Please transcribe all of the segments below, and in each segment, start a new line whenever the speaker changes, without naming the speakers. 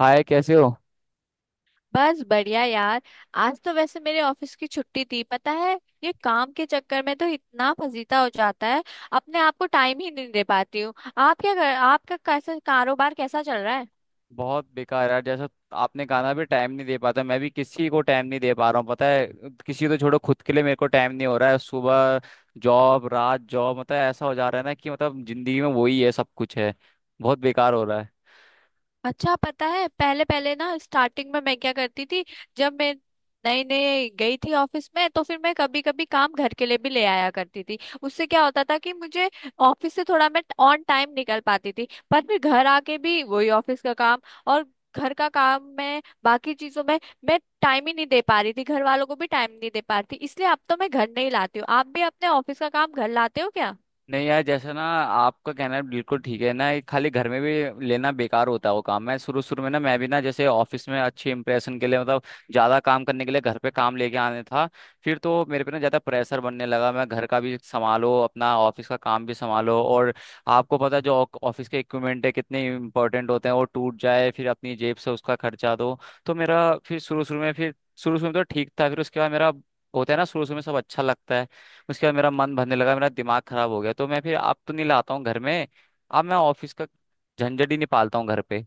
हाय, कैसे हो?
बस बढ़िया यार। आज तो वैसे मेरे ऑफिस की छुट्टी थी, पता है। ये काम के चक्कर में तो इतना फजीता हो जाता है, अपने आप को टाइम ही नहीं दे पाती हूँ। आप क्या कर, आपका कैसा कारोबार कैसा चल रहा है?
बहुत बेकार यार जैसा। आपने गाना भी टाइम नहीं दे पाता, मैं भी किसी को टाइम नहीं दे पा रहा हूँ पता है। किसी को तो छोड़ो, खुद के लिए मेरे को टाइम नहीं हो रहा है। सुबह जॉब, रात जॉब, मतलब ऐसा हो जा रहा है ना कि मतलब जिंदगी में वही है, सब कुछ है। बहुत बेकार हो रहा है।
अच्छा, पता है पहले पहले ना स्टार्टिंग में मैं क्या करती थी, जब मैं नई नई गई थी ऑफिस में, तो फिर मैं कभी कभी काम घर के लिए भी ले आया करती थी। उससे क्या होता था कि मुझे ऑफिस से थोड़ा मैं ऑन टाइम निकल पाती थी, पर फिर घर आके भी वही ऑफिस का काम और घर का काम में बाकी चीजों में मैं टाइम ही नहीं दे पा रही थी, घर वालों को भी टाइम नहीं दे पा रही थी, इसलिए अब तो मैं घर नहीं लाती हूँ। आप भी अपने ऑफिस का काम घर लाते हो क्या?
नहीं यार, जैसे ना आपका कहना बिल्कुल ठीक है ना, ये खाली घर में भी लेना बेकार होता है वो काम। मैं शुरू शुरू में ना, मैं भी ना जैसे ऑफिस में अच्छे इंप्रेशन के लिए, मतलब ज्यादा काम करने के लिए घर पे काम लेके आने था। फिर तो मेरे पे ना ज्यादा प्रेशर बनने लगा, मैं घर का भी संभालो, अपना ऑफिस का काम भी संभालो, और आपको पता है जो ऑफिस के इक्विपमेंट है कितने इंपॉर्टेंट होते हैं, वो टूट जाए फिर अपनी जेब से उसका खर्चा दो। तो मेरा फिर शुरू शुरू में तो ठीक था, फिर उसके बाद मेरा, होता है ना शुरू शुरू में सब अच्छा लगता है, उसके बाद मेरा मन भरने लगा, मेरा दिमाग खराब हो गया। तो मैं फिर अब तो नहीं लाता हूँ घर में, अब मैं ऑफिस का झंझट ही नहीं पालता हूँ घर पे।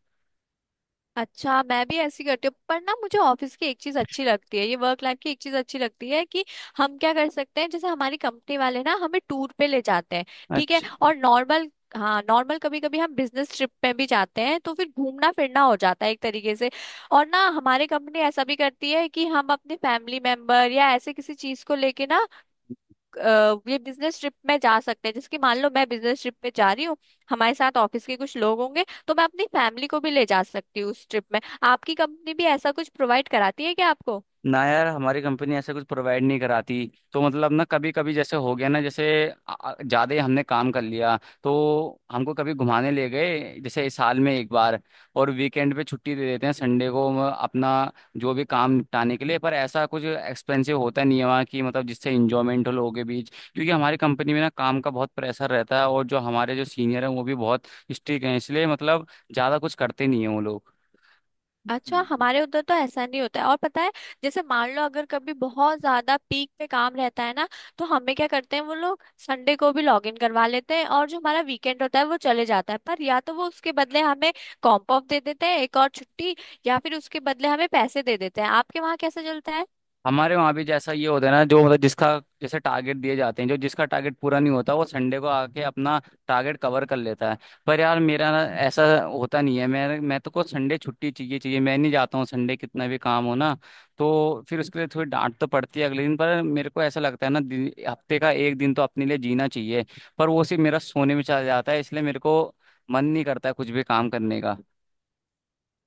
अच्छा, मैं भी ऐसी करती हूँ, पर ना मुझे ऑफिस की एक चीज अच्छी लगती है, ये वर्क लाइफ की एक चीज अच्छी लगती है कि हम क्या कर सकते हैं, जैसे हमारी कंपनी वाले ना हमें टूर पे ले जाते हैं। ठीक है,
अच्छा।
और नॉर्मल, हाँ नॉर्मल कभी कभी हम बिजनेस ट्रिप पे भी जाते हैं तो फिर घूमना फिरना हो जाता है एक तरीके से। और ना हमारी कंपनी ऐसा भी करती है कि हम अपने फैमिली मेंबर या ऐसे किसी चीज को लेके ना ये बिजनेस ट्रिप में जा सकते हैं। जैसे कि मान लो मैं बिजनेस ट्रिप पे जा रही हूँ, हमारे साथ ऑफिस के कुछ लोग होंगे, तो मैं अपनी फैमिली को भी ले जा सकती हूँ उस ट्रिप में। आपकी कंपनी भी ऐसा कुछ प्रोवाइड कराती है क्या आपको?
ना यार, हमारी कंपनी ऐसा कुछ प्रोवाइड नहीं कराती। तो मतलब ना, कभी कभी जैसे हो गया ना, जैसे ज़्यादा ही हमने काम कर लिया, तो हमको कभी घुमाने ले गए, जैसे इस साल में एक बार। और वीकेंड पे छुट्टी दे देते हैं, संडे को हम अपना जो भी काम निपटाने के लिए, पर ऐसा कुछ एक्सपेंसिव होता नहीं है वहाँ की, मतलब जिससे इंजॉयमेंट हो लोगों के बीच, क्योंकि हमारी कंपनी में ना काम का बहुत प्रेशर रहता है, और जो हमारे जो सीनियर हैं वो भी बहुत स्ट्रिक्ट हैं, इसलिए मतलब ज़्यादा कुछ करते नहीं हैं वो
अच्छा,
लोग।
हमारे उधर तो ऐसा नहीं होता है। और पता है, जैसे मान लो अगर कभी बहुत ज्यादा पीक पे काम रहता है ना, तो हमें क्या करते हैं वो लोग संडे को भी लॉग इन करवा लेते हैं और जो हमारा वीकेंड होता है वो चले जाता है, पर या तो वो उसके बदले हमें कॉम्प ऑफ दे देते हैं, एक और छुट्टी, या फिर उसके बदले हमें पैसे दे देते हैं। आपके वहां कैसे चलता है?
हमारे वहाँ भी जैसा ये होता है ना, जो मतलब जिसका, जैसे टारगेट दिए जाते हैं, जो जिसका टारगेट पूरा नहीं होता वो संडे को आके अपना टारगेट कवर कर लेता है। पर यार मेरा ना ऐसा होता नहीं है, मैं तो को संडे छुट्टी चाहिए चाहिए, मैं नहीं जाता हूँ संडे, कितना भी काम हो ना। तो फिर उसके लिए थोड़ी डांट तो पड़ती है अगले दिन, पर मेरे को ऐसा लगता है ना हफ्ते का एक दिन तो अपने लिए जीना चाहिए। पर वो सिर्फ मेरा सोने में चला जाता है, इसलिए मेरे को मन नहीं करता है कुछ भी काम करने का।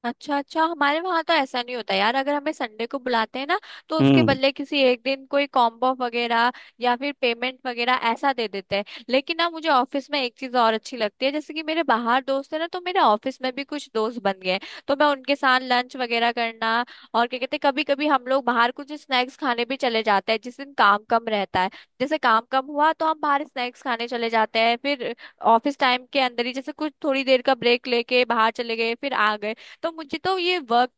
अच्छा अच्छा, हमारे वहां तो ऐसा नहीं होता यार, अगर हमें संडे को बुलाते हैं ना तो उसके
हम्म।
बदले किसी एक दिन कोई कॉम्बो वगैरह या फिर पेमेंट वगैरह ऐसा दे देते हैं। लेकिन ना मुझे ऑफिस में एक चीज और अच्छी लगती है, जैसे कि मेरे बाहर दोस्त है ना तो मेरे ऑफिस में भी कुछ दोस्त बन गए हैं। तो मैं उनके साथ लंच वगैरह करना, और क्या कहते हैं, कभी कभी हम लोग बाहर कुछ स्नैक्स खाने भी चले जाते हैं जिस दिन काम कम रहता है। जैसे काम कम हुआ तो हम बाहर स्नैक्स खाने चले जाते हैं, फिर ऑफिस टाइम के अंदर ही जैसे कुछ थोड़ी देर का ब्रेक लेके बाहर चले गए फिर आ गए। तो मुझे तो ये वर्क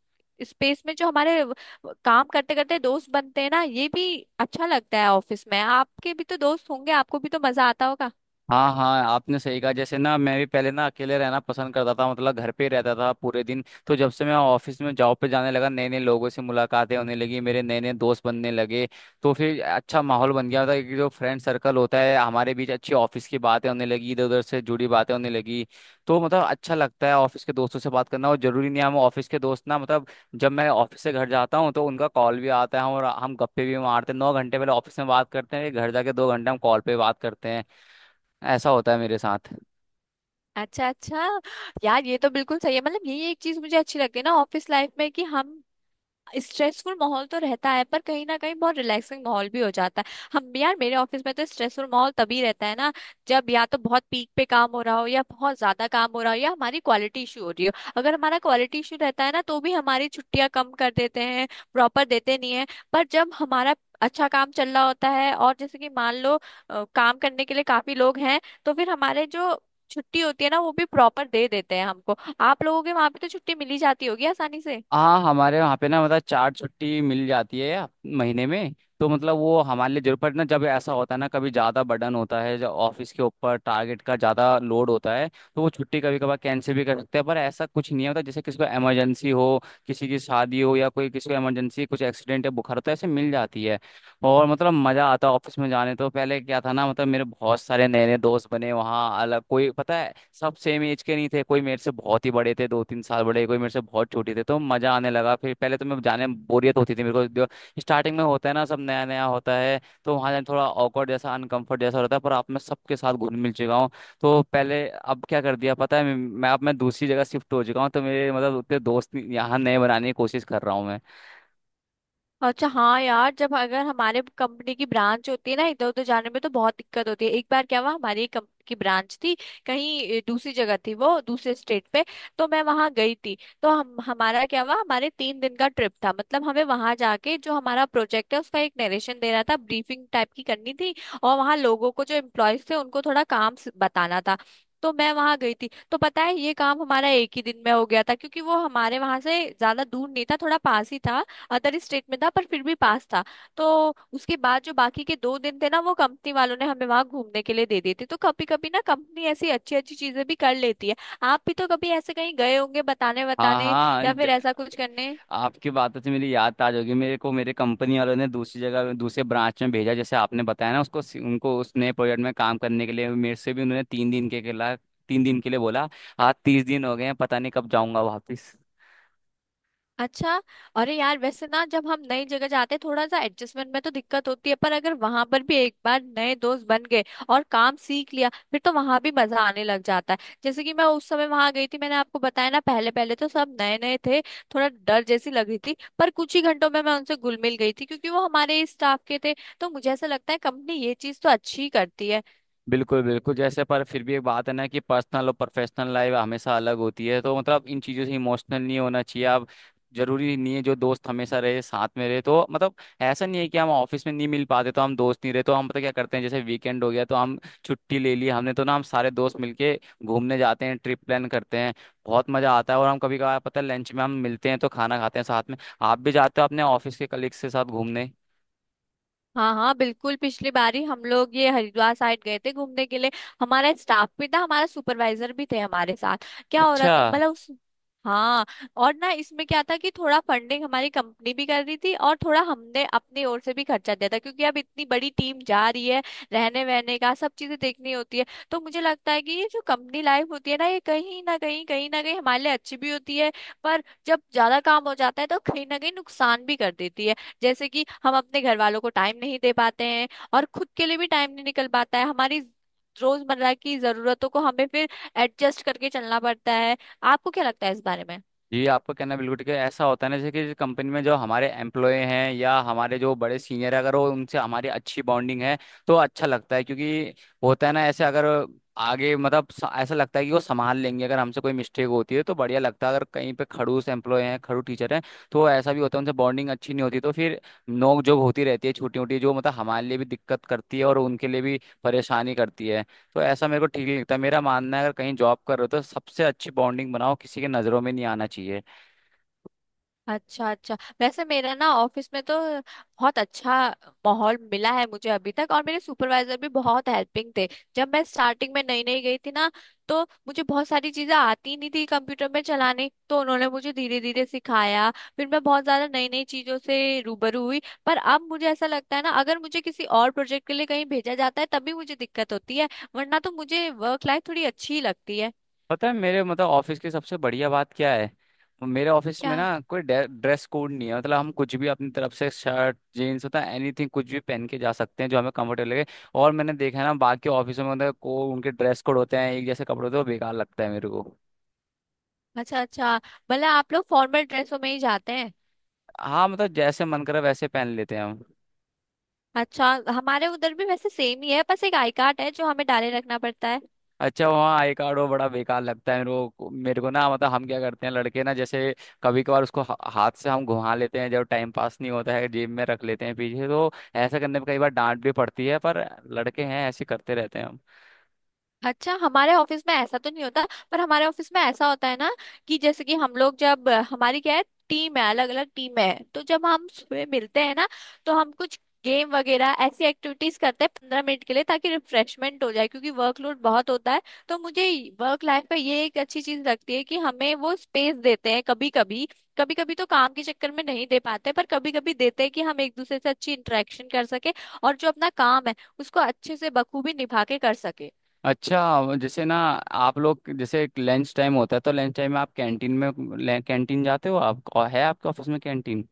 स्पेस में जो हमारे काम करते करते दोस्त बनते हैं ना, ये भी अच्छा लगता है। ऑफिस में आपके भी तो दोस्त होंगे, आपको भी तो मजा आता होगा।
हाँ हाँ, आपने सही कहा। जैसे ना, मैं भी पहले ना अकेले रहना पसंद करता था, मतलब घर पे ही रहता था पूरे दिन। तो जब से मैं ऑफिस में जॉब पे जाने लगा, नए नए लोगों से मुलाकातें होने लगी, मेरे नए नए दोस्त बनने लगे, तो फिर अच्छा माहौल बन गया था कि जो फ्रेंड सर्कल होता है हमारे बीच, अच्छी ऑफिस की बातें होने लगी, इधर उधर से जुड़ी बातें होने लगी। तो मतलब अच्छा लगता है ऑफिस के दोस्तों से बात करना, और जरूरी नहीं है हम ऑफिस के दोस्त ना, मतलब जब मैं ऑफिस से घर जाता हूँ तो उनका कॉल भी आता है, और हम गप्पे भी मारते हैं। 9 घंटे पहले ऑफिस में बात करते हैं, फिर घर जाके 2 घंटे हम कॉल पे बात करते हैं, ऐसा होता है मेरे साथ।
अच्छा अच्छा, यार ये तो बिल्कुल सही है, मतलब यही एक चीज मुझे अच्छी लगती है ना ऑफिस लाइफ में कि हम स्ट्रेसफुल माहौल तो रहता है पर कहीं ना कहीं बहुत रिलैक्सिंग माहौल भी हो जाता है। हम यार मेरे ऑफिस में तो स्ट्रेसफुल माहौल तभी रहता है ना जब या तो बहुत पीक पे काम हो रहा हो या बहुत ज्यादा काम हो रहा हो या हमारी क्वालिटी इशू हो रही हो। अगर हमारा क्वालिटी इशू रहता है ना तो भी हमारी छुट्टियां कम कर देते हैं, प्रॉपर देते नहीं है। पर जब हमारा अच्छा काम चल रहा होता है और जैसे कि मान लो काम करने के लिए काफी लोग हैं, तो फिर हमारे जो छुट्टी होती है ना वो भी प्रॉपर दे देते हैं हमको। आप लोगों के वहां पे तो छुट्टी मिली जाती होगी आसानी से?
हाँ, हमारे वहाँ पे ना मतलब 4 छुट्टी मिल जाती है महीने में। तो मतलब वो हमारे लिए, जरूरत पड़े ना, जब ऐसा होता है ना कभी ज़्यादा बर्डन होता है, जब ऑफिस के ऊपर टारगेट का ज़्यादा लोड होता है, तो वो छुट्टी कभी कभार कैंसिल भी कर सकते हैं। पर ऐसा कुछ नहीं होता, जैसे किसी को इमरजेंसी हो, किसी की शादी हो, या कोई किसी को इमरजेंसी, कुछ एक्सीडेंट या बुखार हो, तो ऐसे मिल जाती है। और मतलब मजा आता ऑफिस में जाने, तो पहले क्या था ना, मतलब मेरे बहुत सारे नए नए दोस्त बने वहाँ अलग, कोई पता है सब सेम एज के नहीं थे, कोई मेरे से बहुत ही बड़े थे, 2 3 साल बड़े, कोई मेरे से बहुत छोटे थे। तो मजा आने लगा फिर, पहले तो मैं जाने में बोरियत होती थी मेरे को, स्टार्टिंग में होता है ना, सब नया नया होता है, तो वहाँ जाने थोड़ा awkward जैसा, अनकंफर्ट जैसा रहता है। पर आप, मैं सबके साथ घुल मिल चुका हूँ, तो पहले अब क्या कर दिया पता है, मैं अब मैं दूसरी जगह शिफ्ट हो चुका हूँ, तो मेरे मतलब उतने दोस्त यहाँ, नए बनाने की कोशिश कर रहा हूँ मैं।
अच्छा, हाँ यार जब अगर हमारे कंपनी की ब्रांच होती है ना इधर उधर जाने में तो बहुत दिक्कत होती है। एक बार क्या हुआ, हमारी एक कंपनी की ब्रांच थी कहीं दूसरी जगह थी, वो दूसरे स्टेट पे। तो मैं वहां गई थी। तो हम, हमारा क्या हुआ, हमारे तीन दिन का ट्रिप था, मतलब हमें वहां जाके जो हमारा प्रोजेक्ट है उसका एक नरेशन देना था, ब्रीफिंग टाइप की करनी थी। और वहां लोगों को जो एम्प्लॉयज थे उनको थोड़ा काम बताना था। तो मैं वहां गई थी तो पता है ये काम हमारा एक ही दिन में हो गया था, क्योंकि वो हमारे वहां से ज्यादा दूर नहीं था, थोड़ा पास ही था। अदर स्टेट में था पर फिर भी पास था। तो उसके बाद जो बाकी के दो दिन थे ना वो कंपनी वालों ने हमें वहां घूमने के लिए दे दिए थे। तो कभी कभी ना कंपनी ऐसी अच्छी अच्छी चीजें भी कर लेती है। आप भी तो कभी ऐसे कहीं गए होंगे बताने
हाँ
बताने
हाँ,
या फिर ऐसा कुछ करने?
आपकी बातों से मेरी याद ताज होगी। मेरे को मेरे कंपनी वालों ने दूसरी जगह दूसरे ब्रांच में भेजा, जैसे आपने बताया ना, उसको उनको उस नए प्रोजेक्ट में काम करने के लिए। मेरे से भी उन्होंने 3 दिन के लिए बोला, आज 30 दिन हो गए हैं, पता नहीं कब जाऊंगा वापिस।
अच्छा, अरे यार वैसे ना जब हम नई जगह जाते हैं थोड़ा सा एडजस्टमेंट में तो दिक्कत होती है, पर अगर वहां पर भी एक बार नए दोस्त बन गए और काम सीख लिया फिर तो वहां भी मजा आने लग जाता है। जैसे कि मैं उस समय वहां गई थी, मैंने आपको बताया ना, पहले पहले तो सब नए नए थे, थोड़ा डर जैसी लग रही थी, पर कुछ ही घंटों में मैं उनसे घुल मिल गई थी क्योंकि वो हमारे ही स्टाफ के थे। तो मुझे ऐसा लगता है कंपनी ये चीज तो अच्छी ही करती है।
बिल्कुल बिल्कुल, जैसे पर फिर भी एक बात है ना कि पर्सनल और प्रोफेशनल लाइफ हमेशा अलग होती है, तो मतलब इन चीज़ों से इमोशनल नहीं होना चाहिए आप। जरूरी नहीं है जो दोस्त हमेशा रहे साथ में रहे, तो मतलब ऐसा नहीं है कि हम ऑफिस में नहीं मिल पाते तो हम दोस्त नहीं रहे। तो हम पता क्या करते हैं, जैसे वीकेंड हो गया तो हम छुट्टी ले ली हमने, तो ना हम सारे दोस्त मिलके घूमने जाते हैं, ट्रिप प्लान करते हैं, बहुत मजा आता है। और हम कभी कभार पता है लंच में हम मिलते हैं तो खाना खाते हैं साथ में। आप भी जाते हो अपने ऑफिस के कलीग्स के साथ घूमने?
हाँ हाँ बिल्कुल, पिछली बारी हम लोग ये हरिद्वार साइड गए थे घूमने के लिए। हमारा स्टाफ भी था, हमारा सुपरवाइजर भी थे हमारे साथ। क्या हो रहा
अच्छा।
था मतलब उस, हाँ, और ना इसमें क्या था कि थोड़ा फंडिंग हमारी कंपनी भी कर रही थी और थोड़ा हमने अपनी ओर से भी खर्चा दिया था, क्योंकि अब इतनी बड़ी टीम जा रही है, रहने वहने का सब चीजें देखनी होती है। तो मुझे लगता है कि ये जो कंपनी लाइफ होती है ना ये कहीं ना कहीं हमारे लिए अच्छी भी होती है, पर जब ज्यादा काम हो जाता है तो कहीं ना कहीं नुकसान भी कर देती है। जैसे कि हम अपने घर वालों को टाइम नहीं दे पाते हैं और खुद के लिए भी टाइम नहीं निकल पाता है, हमारी रोजमर्रा की जरूरतों को हमें फिर एडजस्ट करके चलना पड़ता है। आपको क्या लगता है इस बारे में?
जी, आपका कहना बिल्कुल ठीक है। ऐसा होता है ना, जैसे कि कंपनी में जो हमारे एम्प्लॉय हैं या हमारे जो बड़े सीनियर है, अगर वो उनसे हमारी अच्छी बॉन्डिंग है तो अच्छा लगता है, क्योंकि होता है ना ऐसे, अगर आगे मतलब ऐसा लगता है कि वो संभाल लेंगे अगर हमसे कोई मिस्टेक होती है, तो बढ़िया लगता है। अगर कहीं पे खड़ूस एम्प्लॉय हैं, खड़ूस टीचर हैं, तो ऐसा भी होता है, उनसे बॉन्डिंग अच्छी नहीं होती, तो फिर नोक झोंक होती रहती है छोटी मोटी, जो मतलब हमारे लिए भी दिक्कत करती है और उनके लिए भी परेशानी करती है। तो ऐसा मेरे को ठीक नहीं लगता, मेरा मानना है अगर कहीं जॉब कर रहे हो तो सबसे अच्छी बॉन्डिंग बनाओ, किसी के नज़रों में नहीं आना चाहिए।
अच्छा अच्छा, वैसे मेरा ना ऑफिस में तो बहुत अच्छा माहौल मिला है मुझे अभी तक, और मेरे सुपरवाइजर भी बहुत हेल्पिंग थे। जब मैं स्टार्टिंग में नई नई गई थी ना तो मुझे बहुत सारी चीजें आती नहीं थी कंप्यूटर में चलाने, तो उन्होंने मुझे धीरे धीरे सिखाया, फिर मैं बहुत ज्यादा नई नई चीजों से रूबरू हुई। पर अब मुझे ऐसा लगता है ना अगर मुझे किसी और प्रोजेक्ट के लिए कहीं भेजा जाता है तभी मुझे दिक्कत होती है, वरना तो मुझे वर्क लाइफ थोड़ी अच्छी लगती है।
पता है मेरे, मतलब ऑफिस की सबसे बढ़िया बात क्या है, मेरे ऑफिस में
क्या?
ना कोई ड्रेस कोड नहीं है, मतलब हम कुछ भी अपनी तरफ से, शर्ट जीन्स होता है, एनीथिंग, कुछ भी पहन के जा सकते हैं जो हमें कंफर्टेबल लगे। और मैंने देखा है ना बाकी ऑफिसों में, मतलब को उनके ड्रेस कोड होते हैं, एक जैसे कपड़े होते हैं, वो बेकार लगता है मेरे को।
अच्छा अच्छा, भला आप लोग फॉर्मल ड्रेसों में ही जाते हैं?
हाँ, मतलब जैसे मन करे वैसे पहन लेते हैं हम।
अच्छा, हमारे उधर भी वैसे सेम ही है, बस एक आई कार्ड है जो हमें डाले रखना पड़ता है।
अच्छा, वहाँ आई कार्ड, वो बड़ा बेकार लगता है मेरे को। मेरे को ना मतलब हम क्या करते हैं, लड़के ना जैसे, कभी कभार उसको हाथ से हम घुमा लेते हैं जब टाइम पास नहीं होता है, जेब में रख लेते हैं पीछे। तो ऐसा करने पे कई बार डांट भी पड़ती है, पर लड़के हैं, ऐसे करते रहते हैं हम।
अच्छा, हमारे ऑफिस में ऐसा तो नहीं होता, पर हमारे ऑफिस में ऐसा होता है ना कि जैसे कि हम लोग जब, हमारी क्या है, टीम है, अलग अलग टीम है, तो जब हम सुबह मिलते हैं ना तो हम कुछ गेम वगैरह ऐसी एक्टिविटीज करते हैं 15 मिनट के लिए ताकि रिफ्रेशमेंट हो जाए, क्योंकि वर्कलोड बहुत होता है। तो मुझे वर्क लाइफ में ये एक अच्छी चीज लगती है कि हमें वो स्पेस देते हैं कभी कभी। कभी कभी तो काम के चक्कर में नहीं दे पाते, पर कभी कभी देते हैं कि हम एक दूसरे से अच्छी इंटरेक्शन कर सके और जो अपना काम है उसको अच्छे से बखूबी निभा के कर सके।
अच्छा, जैसे ना आप लोग, जैसे लंच टाइम होता है तो लंच टाइम में आप कैंटीन जाते हो आप, और है आपके ऑफिस में कैंटीन?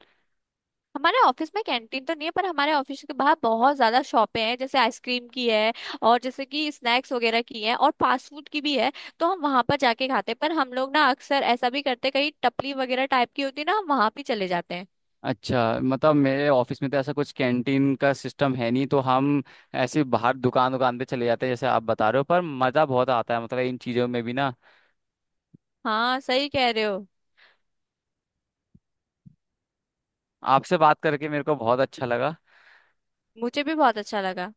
हमारे ऑफिस में कैंटीन तो नहीं है, पर हमारे ऑफिस के बाहर बहुत ज्यादा शॉपें हैं, जैसे आइसक्रीम की है और जैसे कि स्नैक्स वगैरह की है और फास्ट फूड की भी है, तो हम वहां पर जाके खाते हैं। पर हम लोग ना अक्सर ऐसा भी करते हैं, कहीं टपली वगैरह टाइप की होती है ना, हम वहां भी चले जाते हैं।
अच्छा, मतलब मेरे ऑफिस में तो ऐसा कुछ कैंटीन का सिस्टम है नहीं, तो हम ऐसे बाहर दुकान दुकान पे चले जाते हैं जैसे आप बता रहे हो, पर मज़ा बहुत आता है मतलब इन चीज़ों में भी ना।
हाँ सही कह रहे हो,
आपसे बात करके मेरे को बहुत अच्छा लगा।
मुझे भी बहुत अच्छा लगा।